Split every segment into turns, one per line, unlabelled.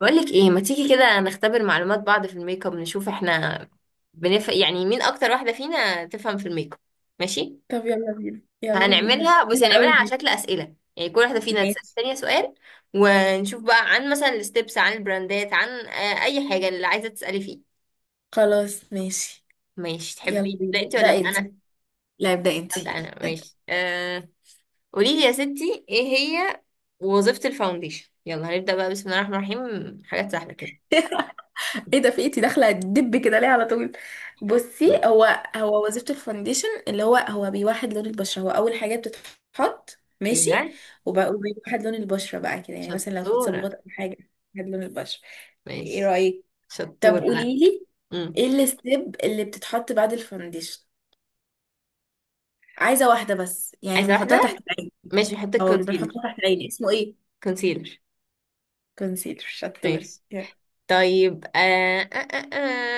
بقولك ايه، ما تيجي كده نختبر معلومات بعض في الميك اب، نشوف احنا يعني مين اكتر واحدة فينا تفهم في الميك اب. ماشي.
طب يلا بينا يلا بينا،
هنعملها، بس
حلوة
هنعملها
قوي
على
دي.
شكل أسئلة. يعني كل واحدة فينا تسأل
ماشي.
التانية سؤال ونشوف بقى عن مثلا الستبس، عن البراندات، عن اي حاجة اللي عايزة تسألي فيه.
خلاص ماشي،
ماشي،
يلا
تحبي تبدأ
بينا.
انت
ده
ولا ابدأ
انت؟
انا؟
لا ابدأ انت.
ابدأ انا. ماشي. قولي لي يا ستي، ايه هي وظيفة الفاونديشن؟ يلا هنبدأ بقى، بسم الله الرحمن الرحيم، حاجات سهلة كده.
يلا. ايه ده؟ في ايتي داخله دب كده ليه على طول؟
م.
بصي، هو وظيفه الفاونديشن اللي هو بيوحد لون البشره، هو اول حاجه بتتحط ماشي.
ايه، ها؟
وب- وبيوحد لون البشره بقى كده، يعني مثلا لو في
شطورة.
تصبغات او حاجه بيوحد لون البشره. ايه
ماشي.
رايك؟
شطورة.
طب
لا.
قولي لي،
مم.
ايه الستيب اللي بتتحط بعد الفاونديشن؟ عايزه واحده بس يعني
عايزة
بنحطها
واحدة.
تحت.
ماشي، بحط
او اللي
الكونسيلر.
بنحطها تحت العين اسمه ايه؟
كونسيلر.
كونسيلر، شطور
ماشي.
يا.
طيب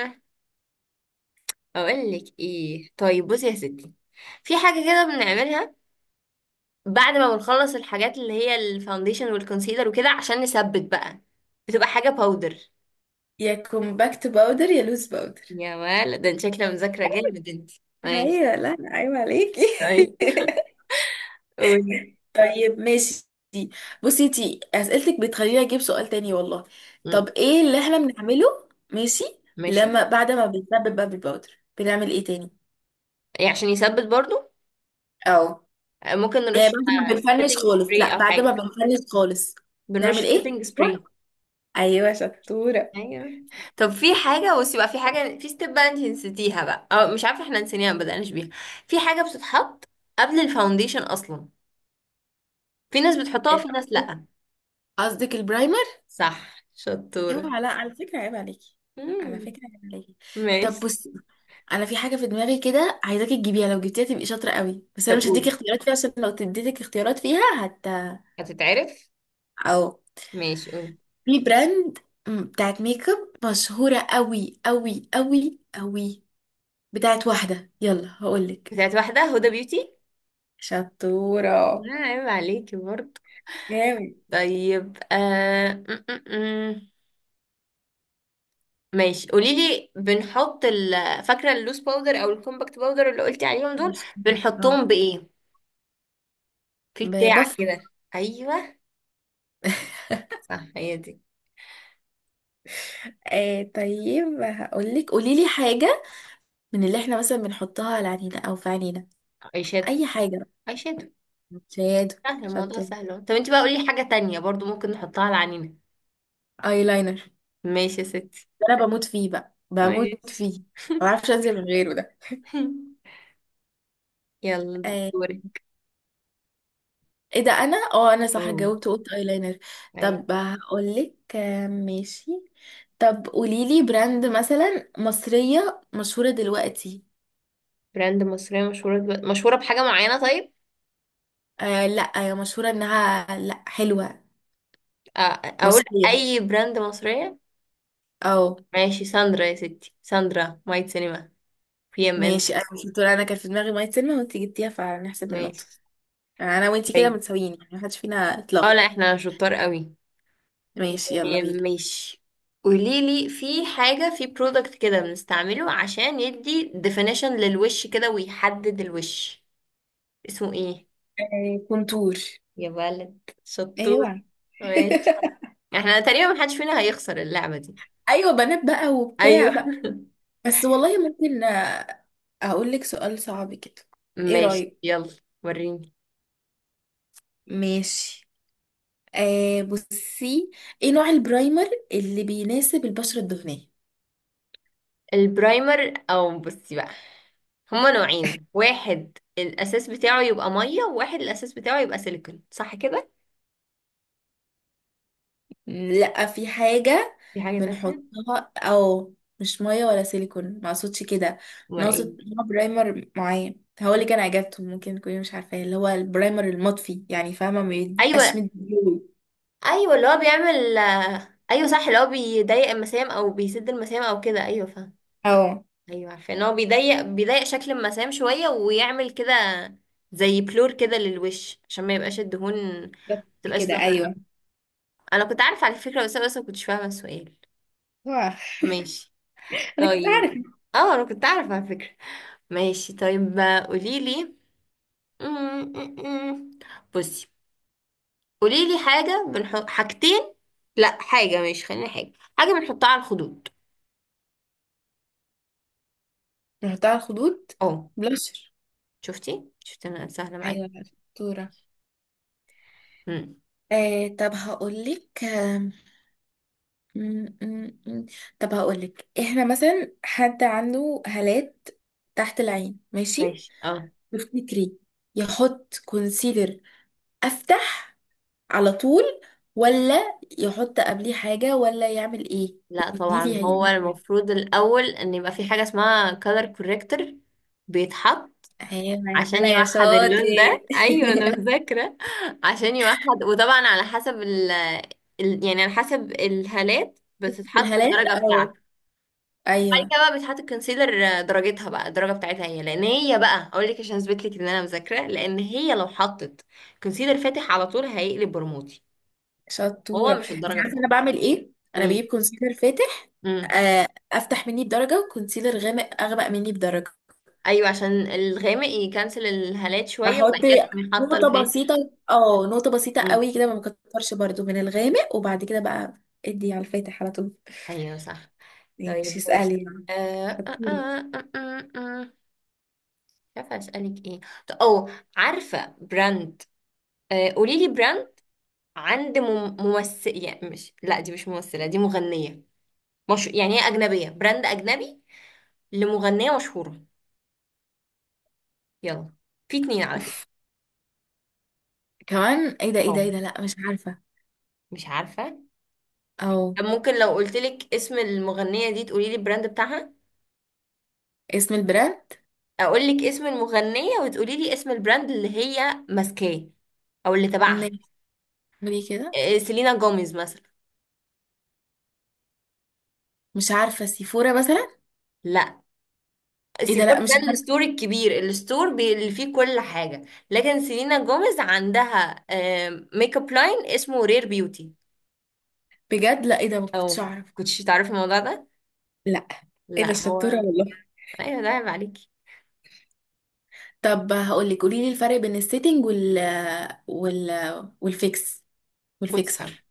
آه. أقول لك إيه؟ طيب بصي يا ستي، في حاجة كده بنعملها بعد ما بنخلص الحاجات اللي هي الفاونديشن والكونسيلر وكده، عشان نثبت بقى. بتبقى حاجة باودر.
يا كومباكت باودر يا لوز باودر.
يا ولد، ده انت شكلها مذاكرة جامد انت. ماشي.
ايوه، لا، ايوه عليكي.
طيب قولي.
طيب ماشي. بصي انتي اسئلتك بتخليني اجيب سؤال تاني والله. طب
مم.
ايه اللي احنا بنعمله ماشي؟
ماشي.
لما بعد ما بنسبب بابل باودر بنعمل ايه تاني؟
يعني عشان يثبت برضو.
او
ممكن
يعني
نرش
بعد ما بنفنش
سيتنج
خالص،
سبراي
لا
أو
بعد ما
حاجة.
بنفنش خالص
بنرش
نعمل ايه؟
سيتنج سبراي.
ايوه شطورة.
ايوه. طب في حاجه، بصي بقى، في حاجه، في ستيب بقى انت نسيتيها بقى، او مش عارفه احنا نسيناها ما بدأناش بيها. في حاجه بتتحط قبل الفاونديشن اصلا، في ناس بتحطها
إيه
وفي ناس
قصدك؟
لا.
قصدك البرايمر؟
صح، شطوره.
اوعى، لا على فكرة عيب عليكي، على
امم
فكرة عيب عليكي. طب بصي،
ماشي.
انا في حاجة في دماغي كده عايزاكي تجيبيها، لو جبتيها تبقي شاطرة قوي، بس انا
طب
مش هديكي
قولي.
اختيارات فيها عشان لو اديتك اختيارات فيها هت.
هتتعرف.
او
ماشي، قولي.
في براند، بتاعت ميك اب مشهورة قوي قوي قوي قوي، بتاعت واحدة. يلا هقولك.
بتاعت واحده، هدى بيوتي.
شطورة.
لا عيب عليكي برضه.
جامد،
طيب آه... م -م -م. ماشي، قولي لي، فاكره اللوس باودر او الكومباكت باودر اللي قلتي عليهم دول،
مش منك. اه،
بنحطهم بايه؟ في بتاع
ببف.
كده، ايوه، صح، هي دي.
آه طيب هقولك، قوليلي حاجة من اللي احنا مثلا بنحطها على عينينا او في عينينا؟
اي شادو.
اي حاجة.
اي شادو.
سيادة
سهل الموضوع،
شطة.
سهل أهو. طب انت بقى قولي حاجة تانية برضو ممكن نحطها على عينينا.
ايلاينر،
ماشي يا ستي.
ده انا بموت فيه بقى، بموت
ماشي.
فيه، ما بعرفش انزل من غيره ده.
يلا
آه.
دوري.
ايه ده؟ انا انا صح
اه،
جاوبت، قلت ايلاينر.
ايوه.
طب هقول لك. ماشي. طب قولي لي براند مثلا مصرية مشهورة دلوقتي.
براند مصرية مشهورة دلوقتي، مشهورة بحاجة معينة؟ طيب،
آه لا، هي مشهورة انها لا حلوة.
آه، اقول
مصرية،
اي براند مصرية.
اه.
ماشي، ساندرا يا ستي، ساندرا، مايت سينما، بي ام ان.
ماشي، انا مش بتقول، انا كان في دماغي مية سلمى وانت جبتيها فهنحسب النقطة.
ماشي.
انا وانت كده
طيب
متساويين، يعني محدش فينا
اه،
اطلاق.
لا احنا شطار قوي.
ماشي يلا بينا.
ماشي. قوليلي، في حاجة، في برودكت كده بنستعمله عشان يدي definition للوش كده ويحدد الوش، اسمه ايه؟
كونتور.
يا ولد شطور.
ايوه.
ماشي. احنا تقريبا محدش فينا هيخسر اللعبة دي.
ايوه بنات بقى
ايوه.
وبتاع بقى. بس والله ممكن، اقول لك سؤال صعب كده. ايه
ماشي،
رايك؟
يلا وريني.
ماشي. بصي، ايه نوع البرايمر اللي بيناسب البشره الدهنيه؟
البرايمر، او بصي بقى، هما نوعين، واحد الاساس بتاعه يبقى ميه وواحد الاساس بتاعه يبقى سيليكون، صح كده؟
لا في حاجه
في حاجة تالتة؟
بنحطها او، مش ميه ولا سيليكون، ما اقصدش كده.
امال
انا
ايه؟
اقصد نوع برايمر معين، هقول لك انا اجابته، ممكن تكوني مش عارفاه، اللي هو البرايمر المطفي، يعني فاهمه ما بيبقاش
ايوه.
مدي.
ايوه اللي هو بيعمل. ايوه صح، اللي هو بيضيق المسام او بيسد المسام او كده. ايوه فاهم.
اه
ايوه، عارفه ان هو بيضيق، بيضيق شكل المسام شويه ويعمل كده زي بلور كده للوش، عشان ما يبقاش الدهون ما
بالظبط
تبقاش
كده.
ظاهره
ايوه.
أوي. انا كنت عارفه على فكره، بس ما كنتش فاهمه السؤال. ماشي.
انا كنت
طيب
عارف.
اه، انا كنت عارفه على فكره. ماشي طيب، قولي لي. بصي، قولي لي حاجه، بنحط حاجتين. لا حاجه، ماشي خلينا حاجه، حاجه بنحطها على الخدود.
رحت على الخدود؟
اه.
بلاشر.
شفتي، شفتي انا سهله معاكي.
ايوه بقى، شطوره.
امم
آه طب هقولك، م- م- م. طب هقولك، احنا مثلا حد عنده هالات تحت العين ماشي،
ماشي. اه،
تفتكري يحط كونسيلر افتح على طول، ولا يحط قبليه حاجه، ولا يعمل ايه؟
لا
قولي
طبعا،
لي
هو
هيعمل ايه.
المفروض الاول ان يبقى في حاجه اسمها color corrector. بيتحط
ايوه يا
عشان
هلا يا
يوحد
شاطر.
اللون ده. ايوه انا مذاكره. عشان يوحد، وطبعا على حسب ال يعني على حسب الهالات
في
بتتحط
الهالات
الدرجه
اه.
بتاعتك. بعد
ايوه
كده بقى بتحط الكونسيلر، درجتها بقى الدرجه بتاعتها هي، لان هي بقى اقول لك عشان اثبت لك ان انا مذاكره، لان هي لو حطت كونسيلر فاتح على طول هيقلب برموتي.
شطورة.
هو مش
انت
الدرجه
عارفة انا بعمل ايه؟ انا
بتاعته.
بجيب كونسيلر فاتح
امم
افتح مني بدرجة، وكونسيلر غامق اغمق مني بدرجة.
ايوه، عشان الغامق يكنسل الهالات شويه،
بحط
وبعد كده تقومي حاطه
نقطة
الفاتح.
بسيطة، اه نقطة بسيطة
امم
قوي كده، ما بكترش برضو من الغامق، وبعد كده بقى ادي على الفاتح على طول.
ايوه صح.
ماشي
طيب ماشي
اسألي. شطورة.
مش عارفه اسالك ايه. طب او، عارفه براند؟ قولي لي براند عند ممثل، يعني مش، لا دي مش ممثله، دي مغنيه. مش يعني، هي اجنبيه، براند اجنبي لمغنيه مشهوره. يلا، في اتنين على فكره.
اوف. كمان؟ ايه ده ايه ده
اه،
ايه ده لا مش عارفة.
مش عارفه.
او
طب ممكن لو قلت لك اسم المغنيه دي تقولي لي البراند بتاعها؟
اسم البراند.
اقول لك اسم المغنية وتقولي لي اسم البراند اللي هي ماسكاه او اللي تبعها.
ماشي قولي كده.
إيه، سيلينا جوميز مثلا.
مش عارفة، سيفورا مثلا؟
لا.
ايه ده
سيفور
لا مش
ده
عارفة
الستور الكبير، الستور اللي فيه كل حاجة. لكن سيلينا جوميز عندها ميك اب لاين اسمه رير بيوتي.
بجد، لا ايه ده، ما كنتش
او
اعرف.
كنتش تعرفي الموضوع ده؟
لا ايه ده
لا هو.
شطورة والله.
ايوه ده عيب عليكي.
طب هقولك، قوليلي الفرق بين السيتنج وال والفيكس
بصي بقى،
والفيكسر.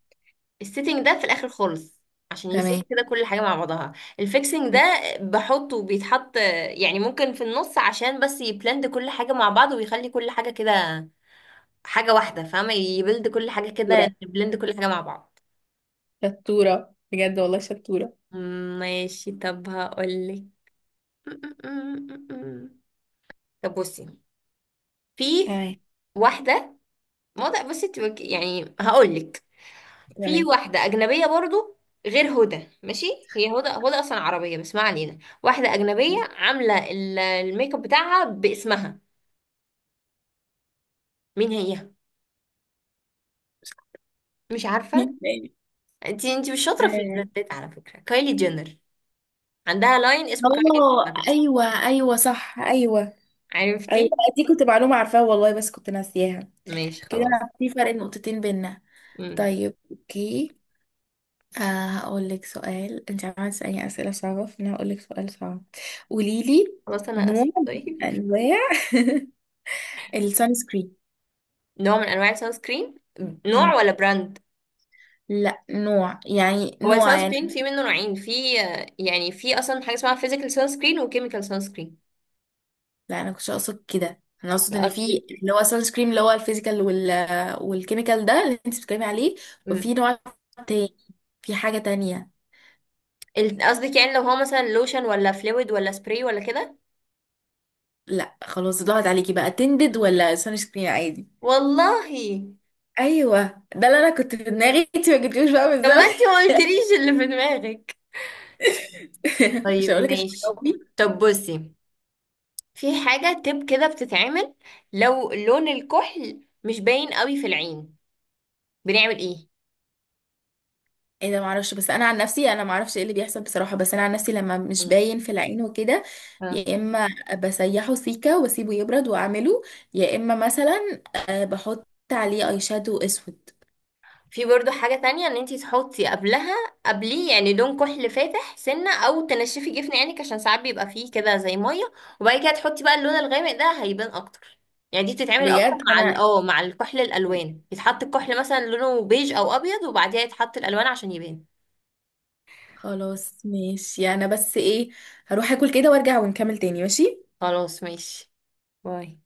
السيتنج ده في الاخر خالص، عشان
تمام.
يسيب كده كل حاجه مع بعضها. الفيكسنج ده بحطه، بيتحط يعني ممكن في النص، عشان بس يبلند كل حاجه مع بعض ويخلي كل حاجه كده حاجه واحده، فاهمه؟ يبلد كل حاجه
شطورة،
كده، يبلند كل حاجه مع بعض.
شطورة بجد والله، شطورة.
ماشي. طب هقولك. طب بصي، في
تمام.
واحده، موضوع، بصي يعني هقولك في
تمام.
واحدة أجنبية برضو غير هدى، ماشي؟ هي هدى، هدى أصلا عربية بس ما علينا، واحدة أجنبية عاملة الميك اب بتاعها باسمها. مين هي؟ مش عارفة.
مين تاني؟
انتي، انتي مش شاطرة في
آه،
البراندات على فكرة. كايلي جينر، عندها لاين اسمه كايلي
اه
كوزماتكس.
ايوه ايوه صح ايوه. ايوه،
عرفتي؟
دي كنت معلومة عارفاها والله، بس كنت ناسياها
ماشي
كده.
خلاص.
في فرق نقطتين بينا.
مم.
طيب اوكي. آه، هقول لك سؤال، انت عملت تسألني اسئله صعبه فانا هقول لك سؤال صعب. قولي لي
خلاص أنا
نوع
آسفة.
من
طيب،
انواع السان سكرين.
نوع من أنواع السان سكرين. نوع
مم.
ولا براند؟
لا نوع يعني،
هو
نوع
السان
يعني.
سكرين في منه نوعين، في يعني في أصلا حاجة اسمها فيزيكال سان سكرين وكيميكال سان سكرين.
لا انا كنتش اقصد كده، انا اقصد ان في
قصدك،
اللي هو سان سكرين اللي هو الفيزيكال وال والكيميكال ده اللي انت بتتكلمي عليه، وفي نوع تاني، في حاجة تانية.
قصدك يعني لو هو مثلا لوشن ولا فلويد ولا سبراي ولا كده؟
لا خلاص ضاعت عليكي بقى، تندد ولا سان سكرين عادي.
والله.
ايوه، ده اللي انا كنت في دماغي. انت ما جبتيهوش بقى
طب ما
بالظبط.
انتي ما قلتليش اللي في دماغك.
مش
طيب
هقول لك عشان
ماشي. طب بصي، في حاجة تب كده بتتعمل لو لون الكحل مش باين قوي في العين، بنعمل ايه؟
ايه ده. معرفش، بس انا عن نفسي انا معرفش ايه اللي بيحصل بصراحه، بس انا عن نفسي لما مش باين في العين وكده،
مم.
يا اما بسيحه سيكه واسيبه يبرد واعمله، يا اما مثلا بحط عليه اي شادو اسود.
في برضو حاجة تانية، ان انتي تحطي قبلها، قبليه يعني، لون كحل فاتح سنة او تنشفي جفن عينك، عشان ساعات بيبقى فيه كده زي مية، وبعد كده تحطي بقى اللون الغامق، ده هيبان اكتر. يعني دي بتتعمل اكتر
بجد
مع
انا
اه مع الكحل،
يعني،
الالوان، يتحط الكحل مثلا لونه بيج او ابيض وبعدها يتحط الالوان عشان يبان.
خلاص ماشي انا بس ايه، هروح اكل كده وارجع ونكمل تاني ماشي.
خلاص ماشي. باي.